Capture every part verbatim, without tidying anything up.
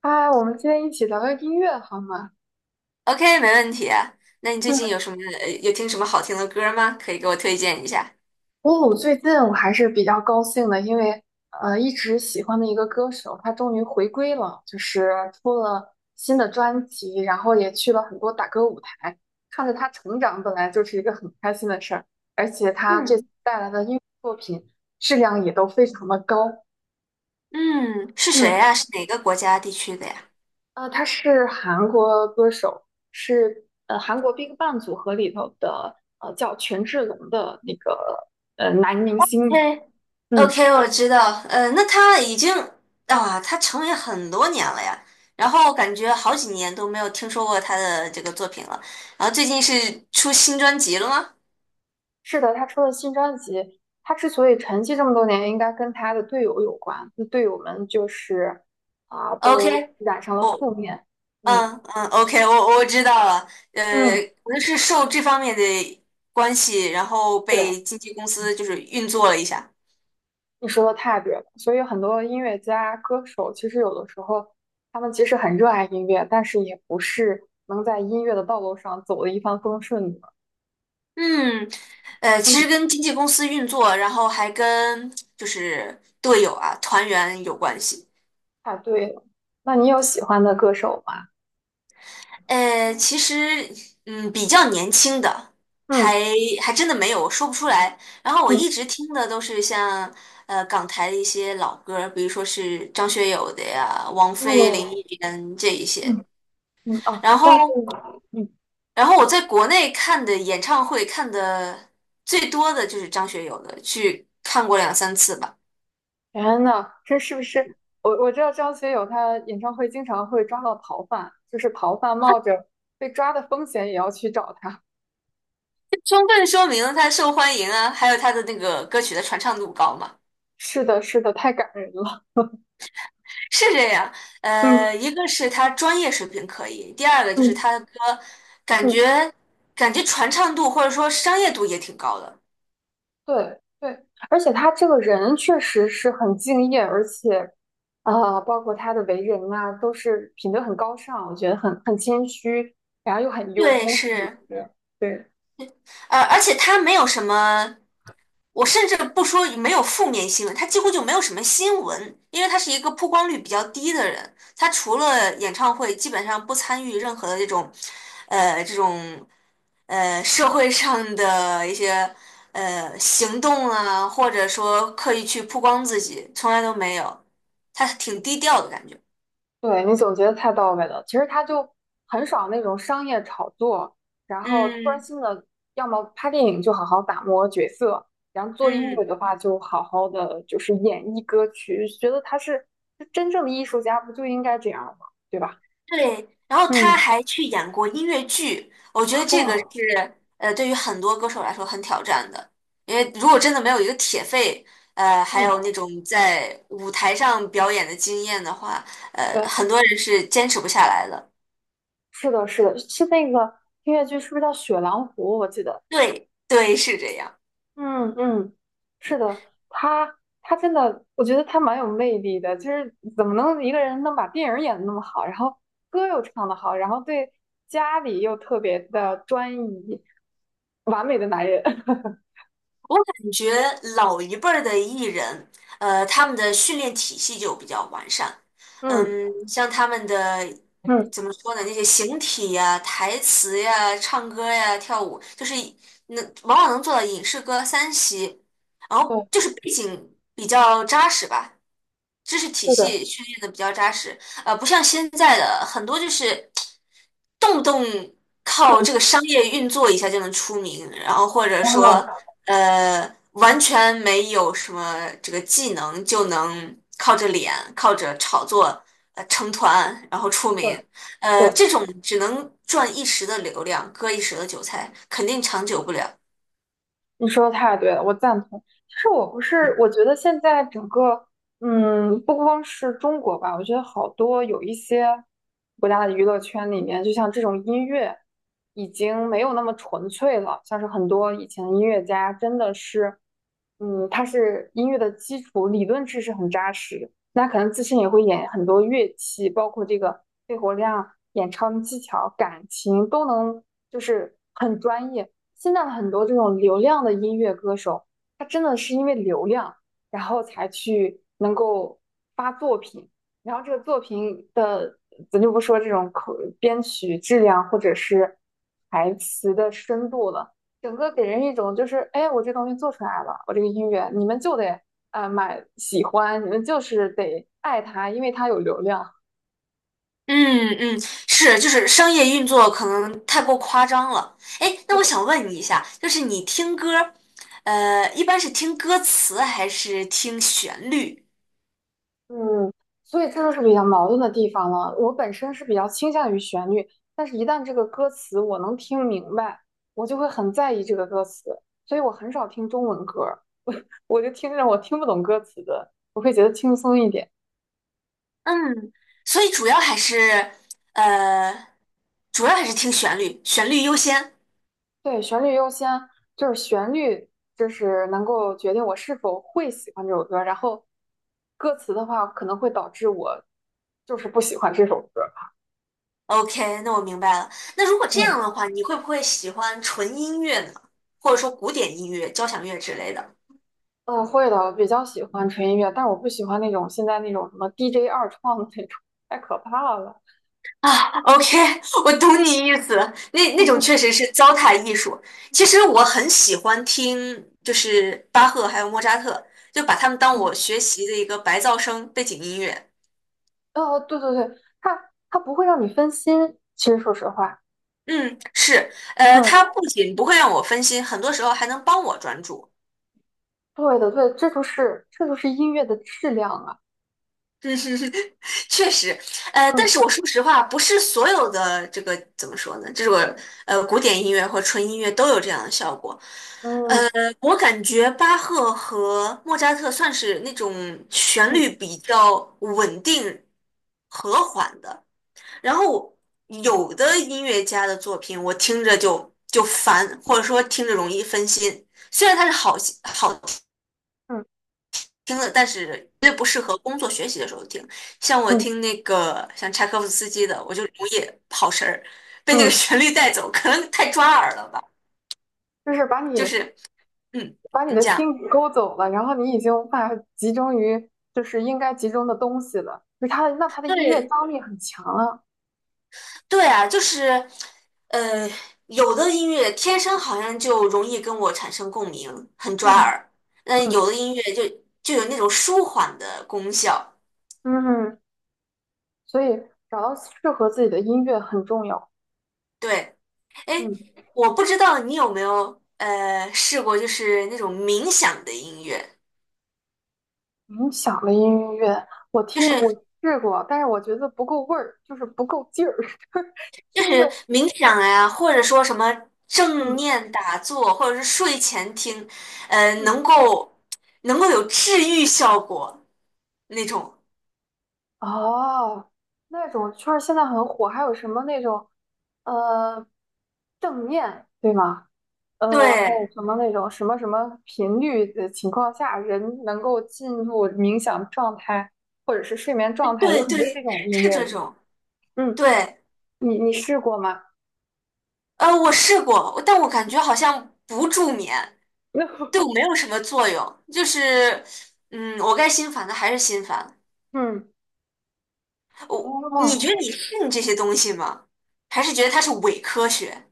嗨，我们今天一起聊聊音乐好吗？OK，没问题。那你最近嗯，有什么呃有听什么好听的歌吗？可以给我推荐一下。哦，最近我还是比较高兴的，因为呃，一直喜欢的一个歌手，他终于回归了，就是出了新的专辑，然后也去了很多打歌舞台，看着他成长本来就是一个很开心的事儿，而且他这次嗯带来的音乐作品质量也都非常的高。嗯，是谁嗯，呀？是哪个国家地区的呀呃，他是韩国歌手，是呃韩国 BigBang 组合里头的呃叫权志龙的那个呃男明星嘛。嘿 嗯，OK，我知道。呃，那他已经啊，他成名很多年了呀。然后感觉好几年都没有听说过他的这个作品了。然后最近是出新专辑了吗是的，他出了新专辑。他之所以沉寂这么多年，应该跟他的队友有关。那队友们就是啊、都？OK，染上了我。负面。嗯嗯嗯，OK，我我知道了，呃，嗯，可能是受这方面的关系，然后对。被经纪公司就是运作了一下。你说的太对了，所以很多音乐家、歌手，其实有的时候，他们即使很热爱音乐，但是也不是能在音乐的道路上走的一帆风顺的。嗯，呃，其实嗯，跟经纪公司运作，然后还跟就是队友啊、团员有关系。太对了。那你有喜欢的歌手吗？呃，其实嗯，比较年轻的，还嗯还真的没有，我说不出来。然后我嗯一直听的都是像呃港台的一些老歌儿，比如说是张学友的呀、王菲、林哦忆莲这一些。嗯嗯哦，然张学后，友。嗯，然后我在国内看的演唱会看的最多的就是张学友的，去看过两三次吧，天呐，这是不是？我我知道张学友他演唱会经常会抓到逃犯，就是逃犯冒着被抓的风险也要去找他。充分说明了他受欢迎啊，还有他的那个歌曲的传唱度高嘛。是的，是的，太感人了。是这样，呃，嗯一个是他专业水平可以，第二个就是嗯他的歌感嗯。觉感觉传唱度或者说商业度也挺高的。对对，而且他这个人确实是很敬业，而且，啊，包括他的为人啊，都是品德很高尚，我觉得很很谦虚，然后又很幽对，默。是。对，对，呃，而且他没有什么，我甚至不说没有负面新闻，他几乎就没有什么新闻，因为他是一个曝光率比较低的人，他除了演唱会，基本上不参与任何的这种，呃，这种呃社会上的一些呃行动啊，或者说刻意去曝光自己，从来都没有，他挺低调的感觉。对你总结的太到位了。其实他就很少那种商业炒作，然后专嗯心的，要么拍电影就好好打磨角色，然后做音乐嗯。的话就好好的就是演绎歌曲。觉得他是真正的艺术家，不就应该这样吗？对吧？对，然后他嗯，还去演过音乐剧，我觉得这个哇，是呃，对于很多歌手来说很挑战的，因为如果真的没有一个铁肺，呃，还有嗯。那种在舞台上表演的经验的话，呃，对，很多人是坚持不下来的。是的，是的，是那个音乐剧是不是叫《雪狼湖》？我记得，对，对，是这样。嗯嗯，是的，他他真的，我觉得他蛮有魅力的，就是怎么能一个人能把电影演得那么好，然后歌又唱得好，然后对家里又特别的专一，完美的男人。我感觉老一辈儿的艺人，呃，他们的训练体系就比较完善。嗯嗯，像他们的嗯，怎么说呢？那些形体呀、台词呀、唱歌呀、跳舞，就是能往往能做到影视歌三栖，然后对，就是背景比较扎实吧。知识体是的，系训练的比较扎实，呃，不像现在的很多就是动不动靠这个商业运作一下就能出名，然后或者说啊，呃完全没有什么这个技能就能靠着脸、靠着炒作呃成团然后出对名，呃，对。这种只能赚一时的流量，割一时的韭菜，肯定长久不了。你说的太对了，我赞同。其实我不是，我觉得现在整个，嗯，不光是中国吧，我觉得好多有一些国家的娱乐圈里面，就像这种音乐已经没有那么纯粹了。像是很多以前的音乐家，真的是，嗯，他是音乐的基础理论知识很扎实，那可能自身也会演很多乐器，包括这个肺活量、演唱技巧、感情都能，就是很专业。现在很多这种流量的音乐歌手，他真的是因为流量，然后才去能够发作品，然后这个作品的，咱就不说这种口编曲质量或者是台词的深度了，整个给人一种就是，哎，我这东西做出来了，我这个音乐你们就得啊、呃买喜欢，你们就是得爱它，因为它有流量。嗯嗯，是，就是商业运作可能太过夸张了。哎，那我想问你一下，就是你听歌儿呃，一般是听歌词还是听旋律？嗯，所以这就是比较矛盾的地方了。我本身是比较倾向于旋律，但是一旦这个歌词我能听明白，我就会很在意这个歌词，所以我很少听中文歌儿，我我就听着我听不懂歌词的，我会觉得轻松一点。嗯，所以主要还是，呃，主要还是听旋律，旋律优先。对，旋律优先，就是旋律，就是能够决定我是否会喜欢这首歌，然后歌词的话可能会导致我就是不喜欢这首歌。OK，那我明白了。那如果这样嗯。的话，你会不会喜欢纯音乐呢？或者说古典音乐、交响乐之类的？嗯，会的，我比较喜欢纯音乐，但是我不喜欢那种现在那种什么 D J 二创的那种，太可怕了。OK，我懂你意思。那那种确实是糟蹋艺术。其实我很喜欢听，就是巴赫还有莫扎特，就把他们当嗯，我学习的一个白噪声背景音乐。哦，对对对，它它不会让你分心，其实说实话。嗯，是，呃，它嗯不仅不会让我分心，很多时候还能帮我专注。对的，对，这就是这就是音乐的质量啊。嗯哼哼确实，呃，但嗯是我说实话，不是所有的这个怎么说呢？这个呃古典音乐或纯音乐都有这样的效果。嗯我感觉巴赫和莫扎特算是那种旋嗯律比较稳定、和缓的。然后有的音乐家的作品，我听着就就烦，或者说听着容易分心。虽然它是好好嗯听的，但是绝对不适合工作学习的时候听。像我嗯听那个像柴可夫斯基的，我就容易跑神儿，被那个嗯，旋律带走，可能太抓耳了吧。就是把就你是，嗯，把你你的讲。心给勾走了，然后你已经无法集中于就是应该集中的东西了。就是它的，那它的音乐对，张力很强啊。对啊，就是，呃，有的音乐天生好像就容易跟我产生共鸣，很嗯抓耳。嗯，有嗯的音乐就就有那种舒缓的功效。嗯。所以找到适合自己的音乐很重要。对，哎，嗯，我不知道你有没有呃试过，就是那种冥想的音乐，冥想的音乐，我就听我是试过，但是我觉得不够味儿，就是不够劲儿，就是就听个是冥想呀、或者说什么正嗯念打坐，或者是睡前听，呃，嗯能够能够有治愈效果那种。哦，那种圈儿现在很火，还有什么那种呃正念对吗？呃，还有对。什么那种什么什么频率的情况下，人能够进入冥想状态或者是睡眠状态，有对很多这对，种音是乐，这对吧？种。嗯，对，你你试过吗？呃，我试过，但我感觉好像不助眠，对我 没有什么作用。就是，嗯，我该心烦的还是心烦。嗯，我，你觉哦，得你信这些东西吗？还是觉得它是伪科学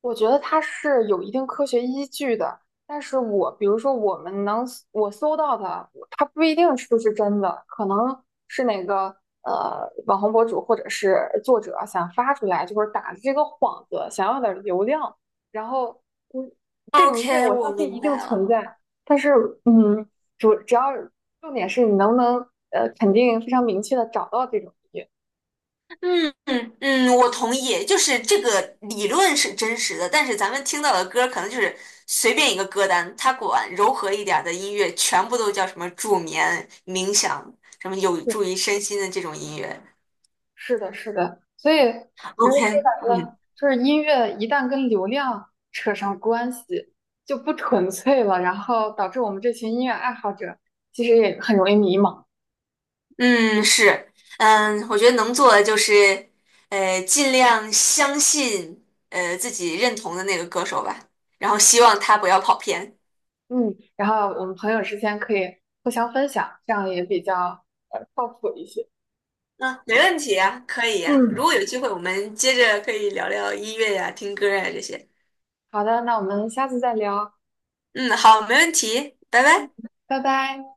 我觉得它是有一定科学依据的，但是我比如说我们能我搜到的，它不一定是不是真的，可能是哪个呃网红博主或者是作者想发出来，就是打着这个幌子，想要点儿流量，然后嗯，这种音乐？OK，我我相信明一定白存了。在，但是嗯，主只要重点是你能不能呃肯定非常明确的找到这种音乐。嗯嗯嗯，我同意，就是这个理论是真实的，但是咱们听到的歌可能就是随便一个歌单，它管柔和一点儿的音乐全部都叫什么助眠、冥想，什么有助于身心的这种音乐。是的，是的，所以其实说 OK，白了，嗯就是音乐一旦跟流量扯上关系，就不纯粹了，然后导致我们这群音乐爱好者其实也很容易迷茫。嗯，是，嗯，我觉得能做的就是，呃，尽量相信呃自己认同的那个歌手吧，然后希望他不要跑偏。嗯，然后我们朋友之间可以互相分享，这样也比较呃靠谱一些。啊，没问题啊，可以啊。如嗯，果有机会，我们接着可以聊聊音乐呀、听歌呀这些。好的，那我们下次再聊，嗯，好，没问题，拜拜。拜拜。